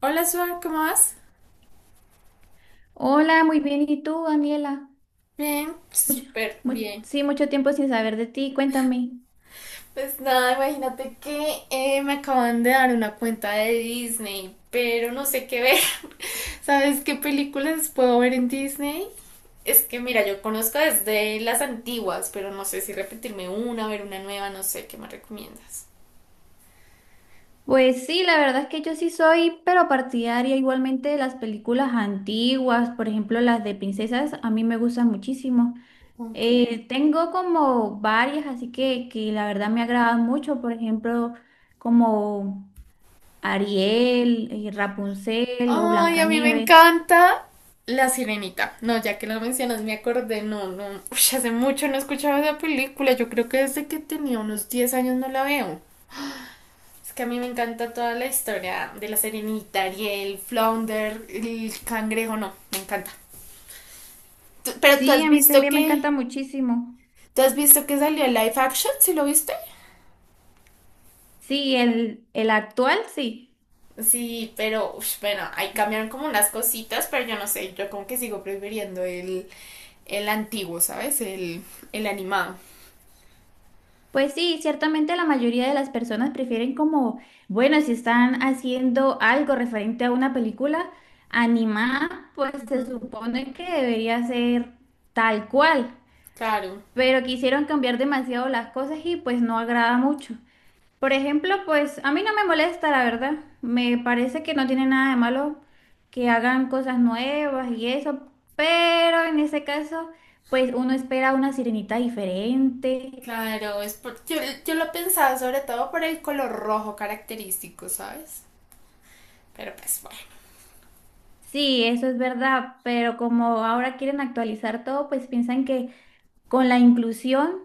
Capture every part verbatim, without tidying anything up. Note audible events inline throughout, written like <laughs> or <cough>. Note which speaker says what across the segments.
Speaker 1: Hola, Suar, ¿cómo vas?
Speaker 2: Hola, muy bien. ¿Y tú, Daniela?
Speaker 1: Bien,
Speaker 2: Mucho-
Speaker 1: súper
Speaker 2: mu-
Speaker 1: bien.
Speaker 2: sí, mucho tiempo sin saber de ti. Cuéntame.
Speaker 1: Pues nada, imagínate que eh, me acaban de dar una cuenta de Disney, pero no sé qué ver. <laughs> ¿Sabes qué películas puedo ver en Disney? Es que mira, yo conozco desde las antiguas, pero no sé si repetirme una, ver una nueva, no sé, ¿qué me recomiendas?
Speaker 2: Pues sí, la verdad es que yo sí soy, pero partidaria igualmente de las películas antiguas, por ejemplo, las de princesas, a mí me gustan muchísimo.
Speaker 1: Ok.
Speaker 2: Eh, tengo como varias, así que, que la verdad me agradan mucho, por ejemplo, como Ariel, eh, Rapunzel o
Speaker 1: Ay, a mí me
Speaker 2: Blancanieves.
Speaker 1: encanta La Sirenita. No, ya que lo mencionas, me acordé. No, no. Uy, hace mucho no escuchaba esa película. Yo creo que desde que tenía unos diez años no la veo. Es que a mí me encanta toda la historia de La Sirenita, Ariel, Flounder, el cangrejo. No, me encanta. Tú- Pero tú
Speaker 2: Sí,
Speaker 1: has
Speaker 2: a mí
Speaker 1: visto
Speaker 2: también me
Speaker 1: que.
Speaker 2: encanta muchísimo.
Speaker 1: ¿Tú has visto que salió el live action? ¿Sí lo viste?
Speaker 2: Sí, el, el actual, sí.
Speaker 1: Sí, pero ush, bueno, ahí cambiaron como unas cositas, pero yo no sé, yo como que sigo prefiriendo el, el antiguo, ¿sabes? El, el animado.
Speaker 2: Pues sí, ciertamente la mayoría de las personas prefieren como, bueno, si están haciendo algo referente a una película animada, pues se
Speaker 1: Ujú.
Speaker 2: supone que debería ser tal cual,
Speaker 1: Claro,
Speaker 2: pero quisieron cambiar demasiado las cosas y pues no agrada mucho. Por ejemplo, pues a mí no me molesta, la verdad. Me parece que no tiene nada de malo que hagan cosas nuevas y eso, pero en ese caso, pues uno espera una sirenita diferente.
Speaker 1: claro, es por... yo, yo lo pensaba sobre todo por el color rojo característico, ¿sabes? Pero pues bueno.
Speaker 2: Sí, eso es verdad, pero como ahora quieren actualizar todo, pues piensan que con la inclusión,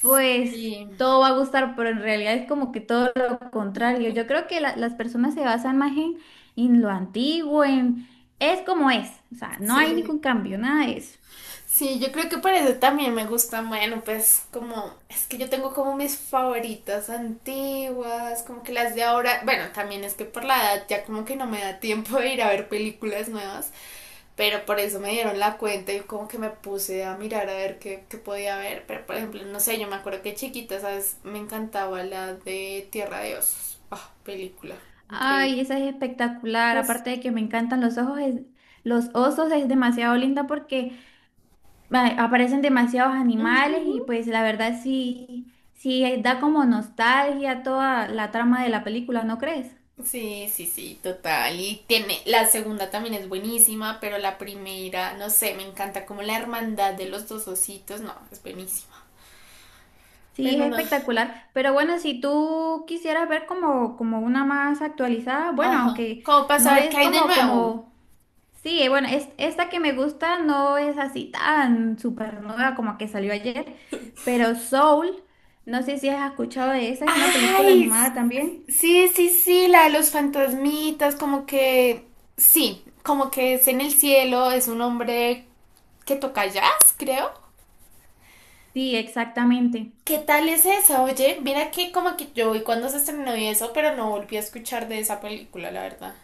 Speaker 2: pues
Speaker 1: Sí,
Speaker 2: todo va a gustar, pero en realidad es como que todo lo contrario. Yo creo que la- las personas se basan más en, en lo antiguo, en es como es, o sea, no hay
Speaker 1: sí,
Speaker 2: ningún cambio, nada de eso.
Speaker 1: sí, yo creo que por eso también me gusta, bueno, pues como, es que yo tengo como mis favoritas antiguas, como que las de ahora, bueno, también es que por la edad ya como que no me da tiempo de ir a ver películas nuevas. Pero por eso me dieron la cuenta y como que me puse a mirar a ver qué, qué podía ver. Pero por ejemplo, no sé, yo me acuerdo que chiquita, ¿sabes? Me encantaba la de Tierra de Osos. Ah, película. Increíble.
Speaker 2: Ay, esa es espectacular,
Speaker 1: Pues,
Speaker 2: aparte de que me encantan los ojos, es- los osos es demasiado linda porque ma- aparecen demasiados animales y
Speaker 1: ujú.
Speaker 2: pues la verdad sí, sí eh, da como nostalgia toda la trama de la película, ¿no crees?
Speaker 1: Sí, sí, sí, total. Y tiene, la segunda también es buenísima, pero la primera, no sé, me encanta como la hermandad de los dos ositos, no, es buenísima.
Speaker 2: Sí, es
Speaker 1: Pero no,
Speaker 2: espectacular, pero bueno, si tú quisieras ver como, como una más actualizada, bueno,
Speaker 1: ajá.
Speaker 2: aunque
Speaker 1: ¿Cómo para
Speaker 2: no
Speaker 1: saber qué
Speaker 2: es
Speaker 1: hay de
Speaker 2: como,
Speaker 1: nuevo?
Speaker 2: como, sí, eh, bueno, es, esta que me gusta no es así tan súper nueva como que salió ayer, pero Soul, no sé si has escuchado de esa, es una película
Speaker 1: ¡Ay!
Speaker 2: animada también.
Speaker 1: Sí, sí, sí, la de los fantasmitas, como que sí, como que es en el cielo, es un hombre que toca jazz, creo.
Speaker 2: Sí, exactamente.
Speaker 1: ¿Qué tal es esa? Oye, mira que como que yo vi cuando se estrenó y eso, pero no volví a escuchar de esa película, la verdad.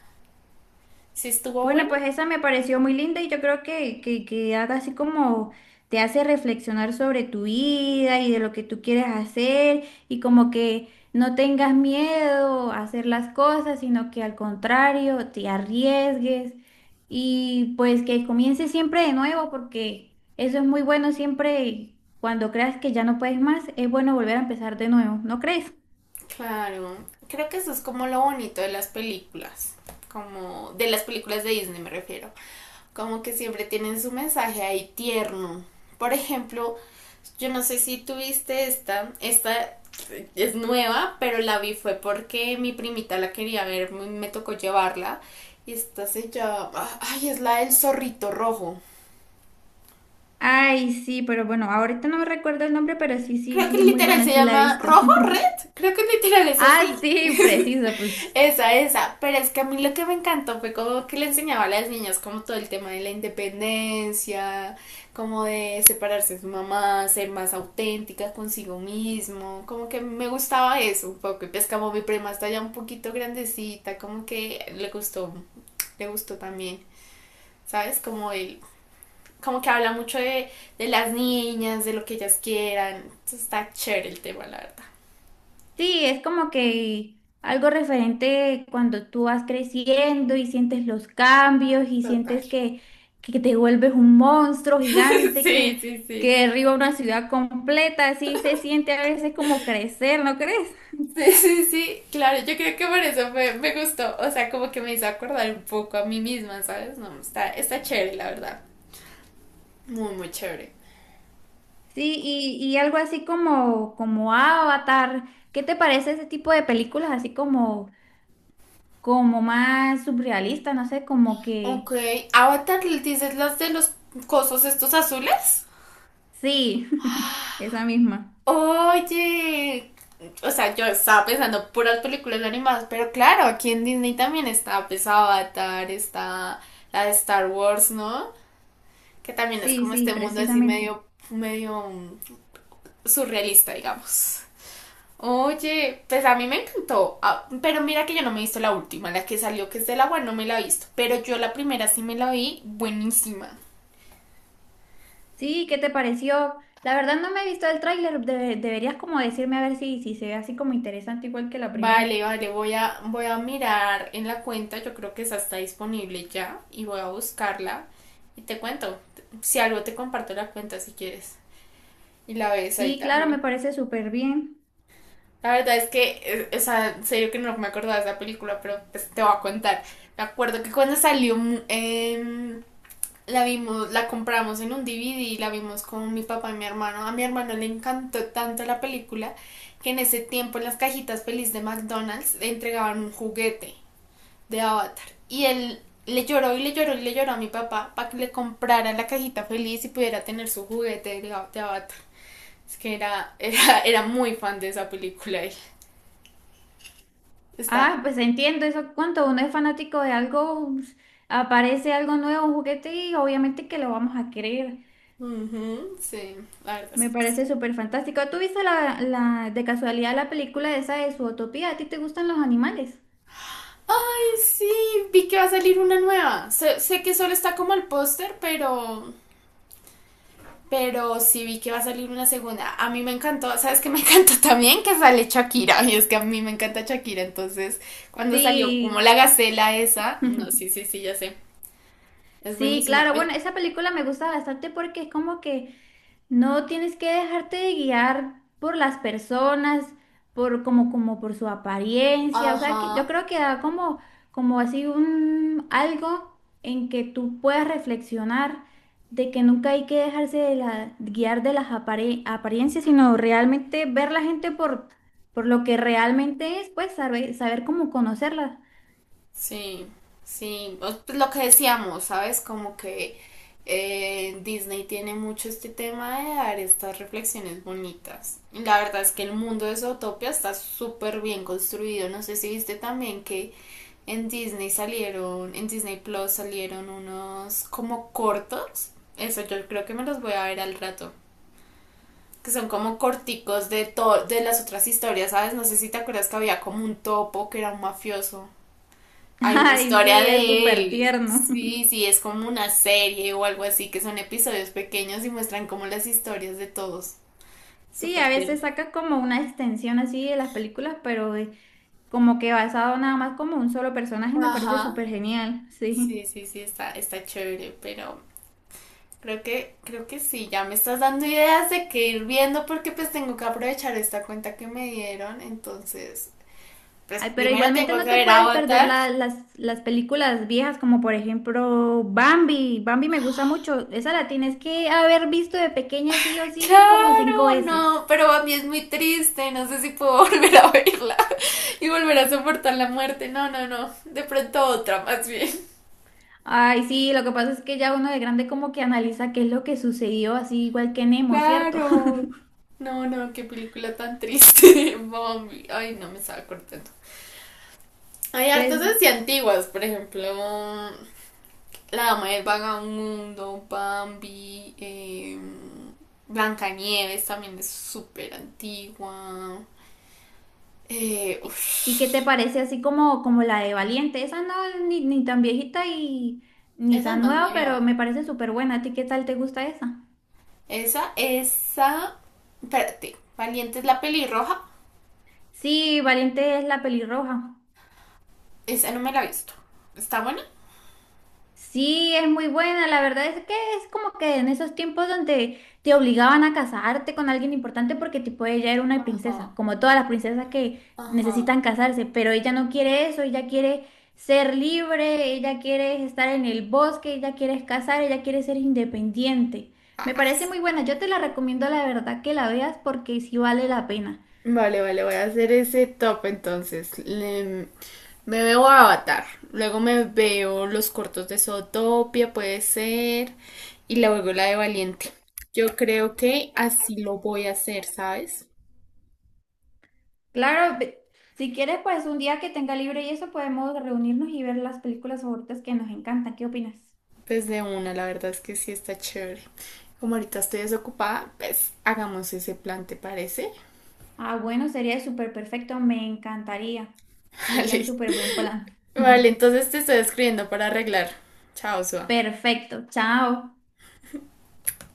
Speaker 1: ¿Sí estuvo
Speaker 2: Bueno,
Speaker 1: buena?
Speaker 2: pues esa me pareció muy linda y yo creo que, que, que haga así como te hace reflexionar sobre tu vida y de lo que tú quieres hacer y como que no tengas miedo a hacer las cosas, sino que al contrario te arriesgues y pues que comiences siempre de nuevo porque eso es muy bueno siempre cuando creas que ya no puedes más, es bueno volver a empezar de nuevo, ¿no crees?
Speaker 1: Claro, creo que eso es como lo bonito de las películas, como de las películas de Disney me refiero, como que siempre tienen su mensaje ahí tierno. Por ejemplo, yo no sé si tuviste esta, esta es nueva, pero la vi fue porque mi primita la quería ver, me tocó llevarla y esta se llama, ay, es la del zorrito rojo.
Speaker 2: Ay, sí, pero bueno, ahorita no me recuerdo el nombre, pero sí, sí,
Speaker 1: Creo que
Speaker 2: sí, es muy
Speaker 1: literal
Speaker 2: buena,
Speaker 1: se
Speaker 2: sí la he
Speaker 1: llama
Speaker 2: visto.
Speaker 1: Rojo
Speaker 2: <laughs>
Speaker 1: Red, creo que literal es
Speaker 2: Ah,
Speaker 1: así.
Speaker 2: sí, preciso, pues
Speaker 1: Esa, esa. Pero es que a mí lo que me encantó fue como que le enseñaba a las niñas como todo el tema de la independencia, como de separarse de su mamá, ser más auténtica consigo mismo. Como que me gustaba eso un poco. Y pues como mi prima está ya un poquito grandecita, como que le gustó, le gustó también. ¿Sabes? Como el, como que habla mucho de, de las niñas, de lo que ellas quieran. Entonces está chévere el tema, la verdad.
Speaker 2: sí, es como que algo referente cuando tú vas creciendo y sientes los cambios y
Speaker 1: Total.
Speaker 2: sientes
Speaker 1: <laughs>
Speaker 2: que, que te vuelves un monstruo gigante
Speaker 1: Sí,
Speaker 2: que,
Speaker 1: sí, sí.
Speaker 2: que derriba una ciudad completa, así se siente a veces como crecer, ¿no crees?
Speaker 1: Sí, sí, sí, claro, yo creo que por eso me, me gustó, o sea, como que me hizo acordar un poco a mí misma, ¿sabes? No, está, está chévere, la verdad, muy, muy chévere.
Speaker 2: Sí, y, y algo así como, como Avatar, ¿qué te parece ese tipo de películas así como, como más surrealistas? No sé, como
Speaker 1: Ok,
Speaker 2: que
Speaker 1: Avatar, ¿dices las de los cosos estos azules?
Speaker 2: sí, <laughs> esa misma.
Speaker 1: Oye, o sea, yo estaba pensando puras películas animadas, pero claro, aquí en Disney también está, pues, Avatar, está la de Star Wars, ¿no? Que también es
Speaker 2: Sí,
Speaker 1: como
Speaker 2: sí,
Speaker 1: este mundo así
Speaker 2: precisamente.
Speaker 1: medio, medio mm, surrealista, digamos. Oye, pues a mí me encantó. Ah, pero mira que yo no me he visto la última, la que salió que es del agua, no me la he visto, pero yo la primera sí me la vi, buenísima.
Speaker 2: Sí, ¿qué te pareció? La verdad no me he visto el tráiler, debe- deberías como decirme a ver si, si se ve así como interesante igual que la
Speaker 1: Vale,
Speaker 2: primera.
Speaker 1: vale, voy a, voy a mirar en la cuenta, yo creo que esa está disponible ya y voy a buscarla y te cuento, si algo te comparto la cuenta si quieres y la ves ahí
Speaker 2: Sí, claro, me
Speaker 1: también.
Speaker 2: parece súper bien.
Speaker 1: La verdad es que, eh, o sea, en serio que no me acordaba de esa película, pero pues, te voy a contar. Me acuerdo que cuando salió mm, em, la vimos, la compramos en un D V D y la vimos con mi papá y mi hermano. A mi hermano le encantó tanto la película que en ese tiempo en las cajitas feliz de McDonald's le entregaban un juguete de Avatar. Y él le lloró y le lloró y le lloró a mi papá para que le comprara la cajita feliz y pudiera tener su juguete de Avatar. Es que era, era, era muy fan de esa película él. Está.
Speaker 2: Ah, pues entiendo eso, cuando uno es fanático de algo, pues, aparece algo nuevo, un juguete y obviamente que lo vamos a querer.
Speaker 1: Ujú, sí, la verdad es
Speaker 2: Me
Speaker 1: que
Speaker 2: parece súper fantástico. ¿Tú viste la, la, de casualidad la película esa de Utopía? ¿A ti te gustan los animales?
Speaker 1: ay, sí, vi que va a salir una nueva. Sé, sé que solo está como el póster, pero, pero sí vi que va a salir una segunda. A mí me encantó, ¿sabes qué me <laughs> encantó también? Que sale Shakira. Y es que a mí me encanta Shakira. Entonces, cuando salió como
Speaker 2: Sí.
Speaker 1: la gacela esa, no,
Speaker 2: <laughs>
Speaker 1: sí, sí, sí, ya sé. Es
Speaker 2: Sí,
Speaker 1: buenísima.
Speaker 2: claro,
Speaker 1: Ay,
Speaker 2: bueno, esa película me gusta bastante porque es como que no tienes que dejarte de guiar por las personas, por como, como por su apariencia, o sea, que yo
Speaker 1: ajá.
Speaker 2: creo que da como, como así un algo en que tú puedas reflexionar de que nunca hay que dejarse de la, guiar de las apare- apariencias, sino realmente ver la gente por, por lo que realmente es, pues saber, saber cómo conocerla.
Speaker 1: Sí, sí, o- pues lo que decíamos, ¿sabes? Como que eh, Disney tiene mucho este tema de dar estas reflexiones bonitas. Y la verdad es que el mundo de Zootopia está súper bien construido. No sé si viste también que en Disney salieron, en Disney Plus salieron unos como cortos. Eso yo creo que me los voy a ver al rato. Que son como corticos de, to- de las otras historias, ¿sabes? No sé si te acuerdas que había como un topo que era un mafioso.
Speaker 2: <laughs>
Speaker 1: Hay una
Speaker 2: Ay,
Speaker 1: historia
Speaker 2: sí, es
Speaker 1: de
Speaker 2: súper
Speaker 1: él.
Speaker 2: tierno.
Speaker 1: Sí, sí, es como una serie o algo así, que son episodios pequeños y muestran como las historias de todos.
Speaker 2: Sí,
Speaker 1: Súper
Speaker 2: a veces
Speaker 1: tierno.
Speaker 2: saca como una extensión así de las películas, pero de- como que basado nada más como un solo personaje, me parece
Speaker 1: Ajá.
Speaker 2: súper genial, <laughs> sí.
Speaker 1: Sí, sí, sí, está, está chévere, pero creo que, creo que sí, ya me estás dando ideas de qué ir viendo porque pues tengo que aprovechar esta cuenta que me dieron. Entonces, pues
Speaker 2: Ay, pero
Speaker 1: primero
Speaker 2: igualmente
Speaker 1: tengo
Speaker 2: no
Speaker 1: que
Speaker 2: te
Speaker 1: ver
Speaker 2: puedes perder
Speaker 1: Avatar.
Speaker 2: la- las, las películas viejas, como por ejemplo Bambi. Bambi me gusta mucho. Esa la tienes que haber visto de pequeña sí o sí como cinco
Speaker 1: Claro,
Speaker 2: veces.
Speaker 1: no, pero a mí es muy triste, no sé si puedo <laughs> volver a verla y volver a soportar la muerte, no, no, no, de pronto otra más bien.
Speaker 2: Ay, sí, lo que pasa es que ya uno de grande como que analiza qué es lo que sucedió, así igual que Nemo, ¿cierto? <laughs>
Speaker 1: Claro. No, no, qué película tan triste, <laughs> Bambi. Ay, no me estaba cortando. Hay hartas
Speaker 2: Pues
Speaker 1: así antiguas, por ejemplo, La Dama del Vagabundo, Bambi, eh, Blancanieves también es súper antigua. Eh,
Speaker 2: ¿Y, y qué te
Speaker 1: uf,
Speaker 2: parece así como, como la de Valiente? Esa no es ni, ni tan viejita y ni
Speaker 1: esa es
Speaker 2: tan
Speaker 1: más
Speaker 2: nueva, pero
Speaker 1: nueva.
Speaker 2: me parece súper buena. ¿A ti qué tal te gusta esa?
Speaker 1: Esa, esa. Espérate, Valiente es la pelirroja.
Speaker 2: Sí, Valiente es la pelirroja.
Speaker 1: Esa no me la he visto. ¿Está buena?
Speaker 2: Sí, es muy buena. La verdad es que es como que en esos tiempos donde te obligaban a casarte con alguien importante porque tipo ella era una princesa,
Speaker 1: Ajá,
Speaker 2: como todas las princesas que
Speaker 1: ajá.
Speaker 2: necesitan casarse, pero ella no quiere eso, ella quiere ser libre, ella quiere estar en el bosque, ella quiere casar, ella quiere ser independiente. Me parece muy buena. Yo te la recomiendo, la verdad, que la veas porque sí vale la pena.
Speaker 1: Vale, vale, voy a hacer ese top entonces. Le- me veo a Avatar, luego me veo los cortos de Zootopia, puede ser, y luego la de Valiente. Yo creo que así lo voy a hacer, ¿sabes?
Speaker 2: Claro, ve- si quieres, pues un día que tenga libre y eso podemos reunirnos y ver las películas favoritas que nos encantan. ¿Qué opinas?
Speaker 1: Pues de una, la verdad es que sí está chévere. Como ahorita estoy desocupada, pues hagamos ese plan, ¿te parece?
Speaker 2: Ah, bueno, sería súper perfecto, me encantaría.
Speaker 1: <laughs>
Speaker 2: Sería
Speaker 1: Vale,
Speaker 2: un súper buen plan. <laughs>
Speaker 1: vale, entonces te estoy escribiendo para arreglar. Chao, Sua.
Speaker 2: Perfecto, chao.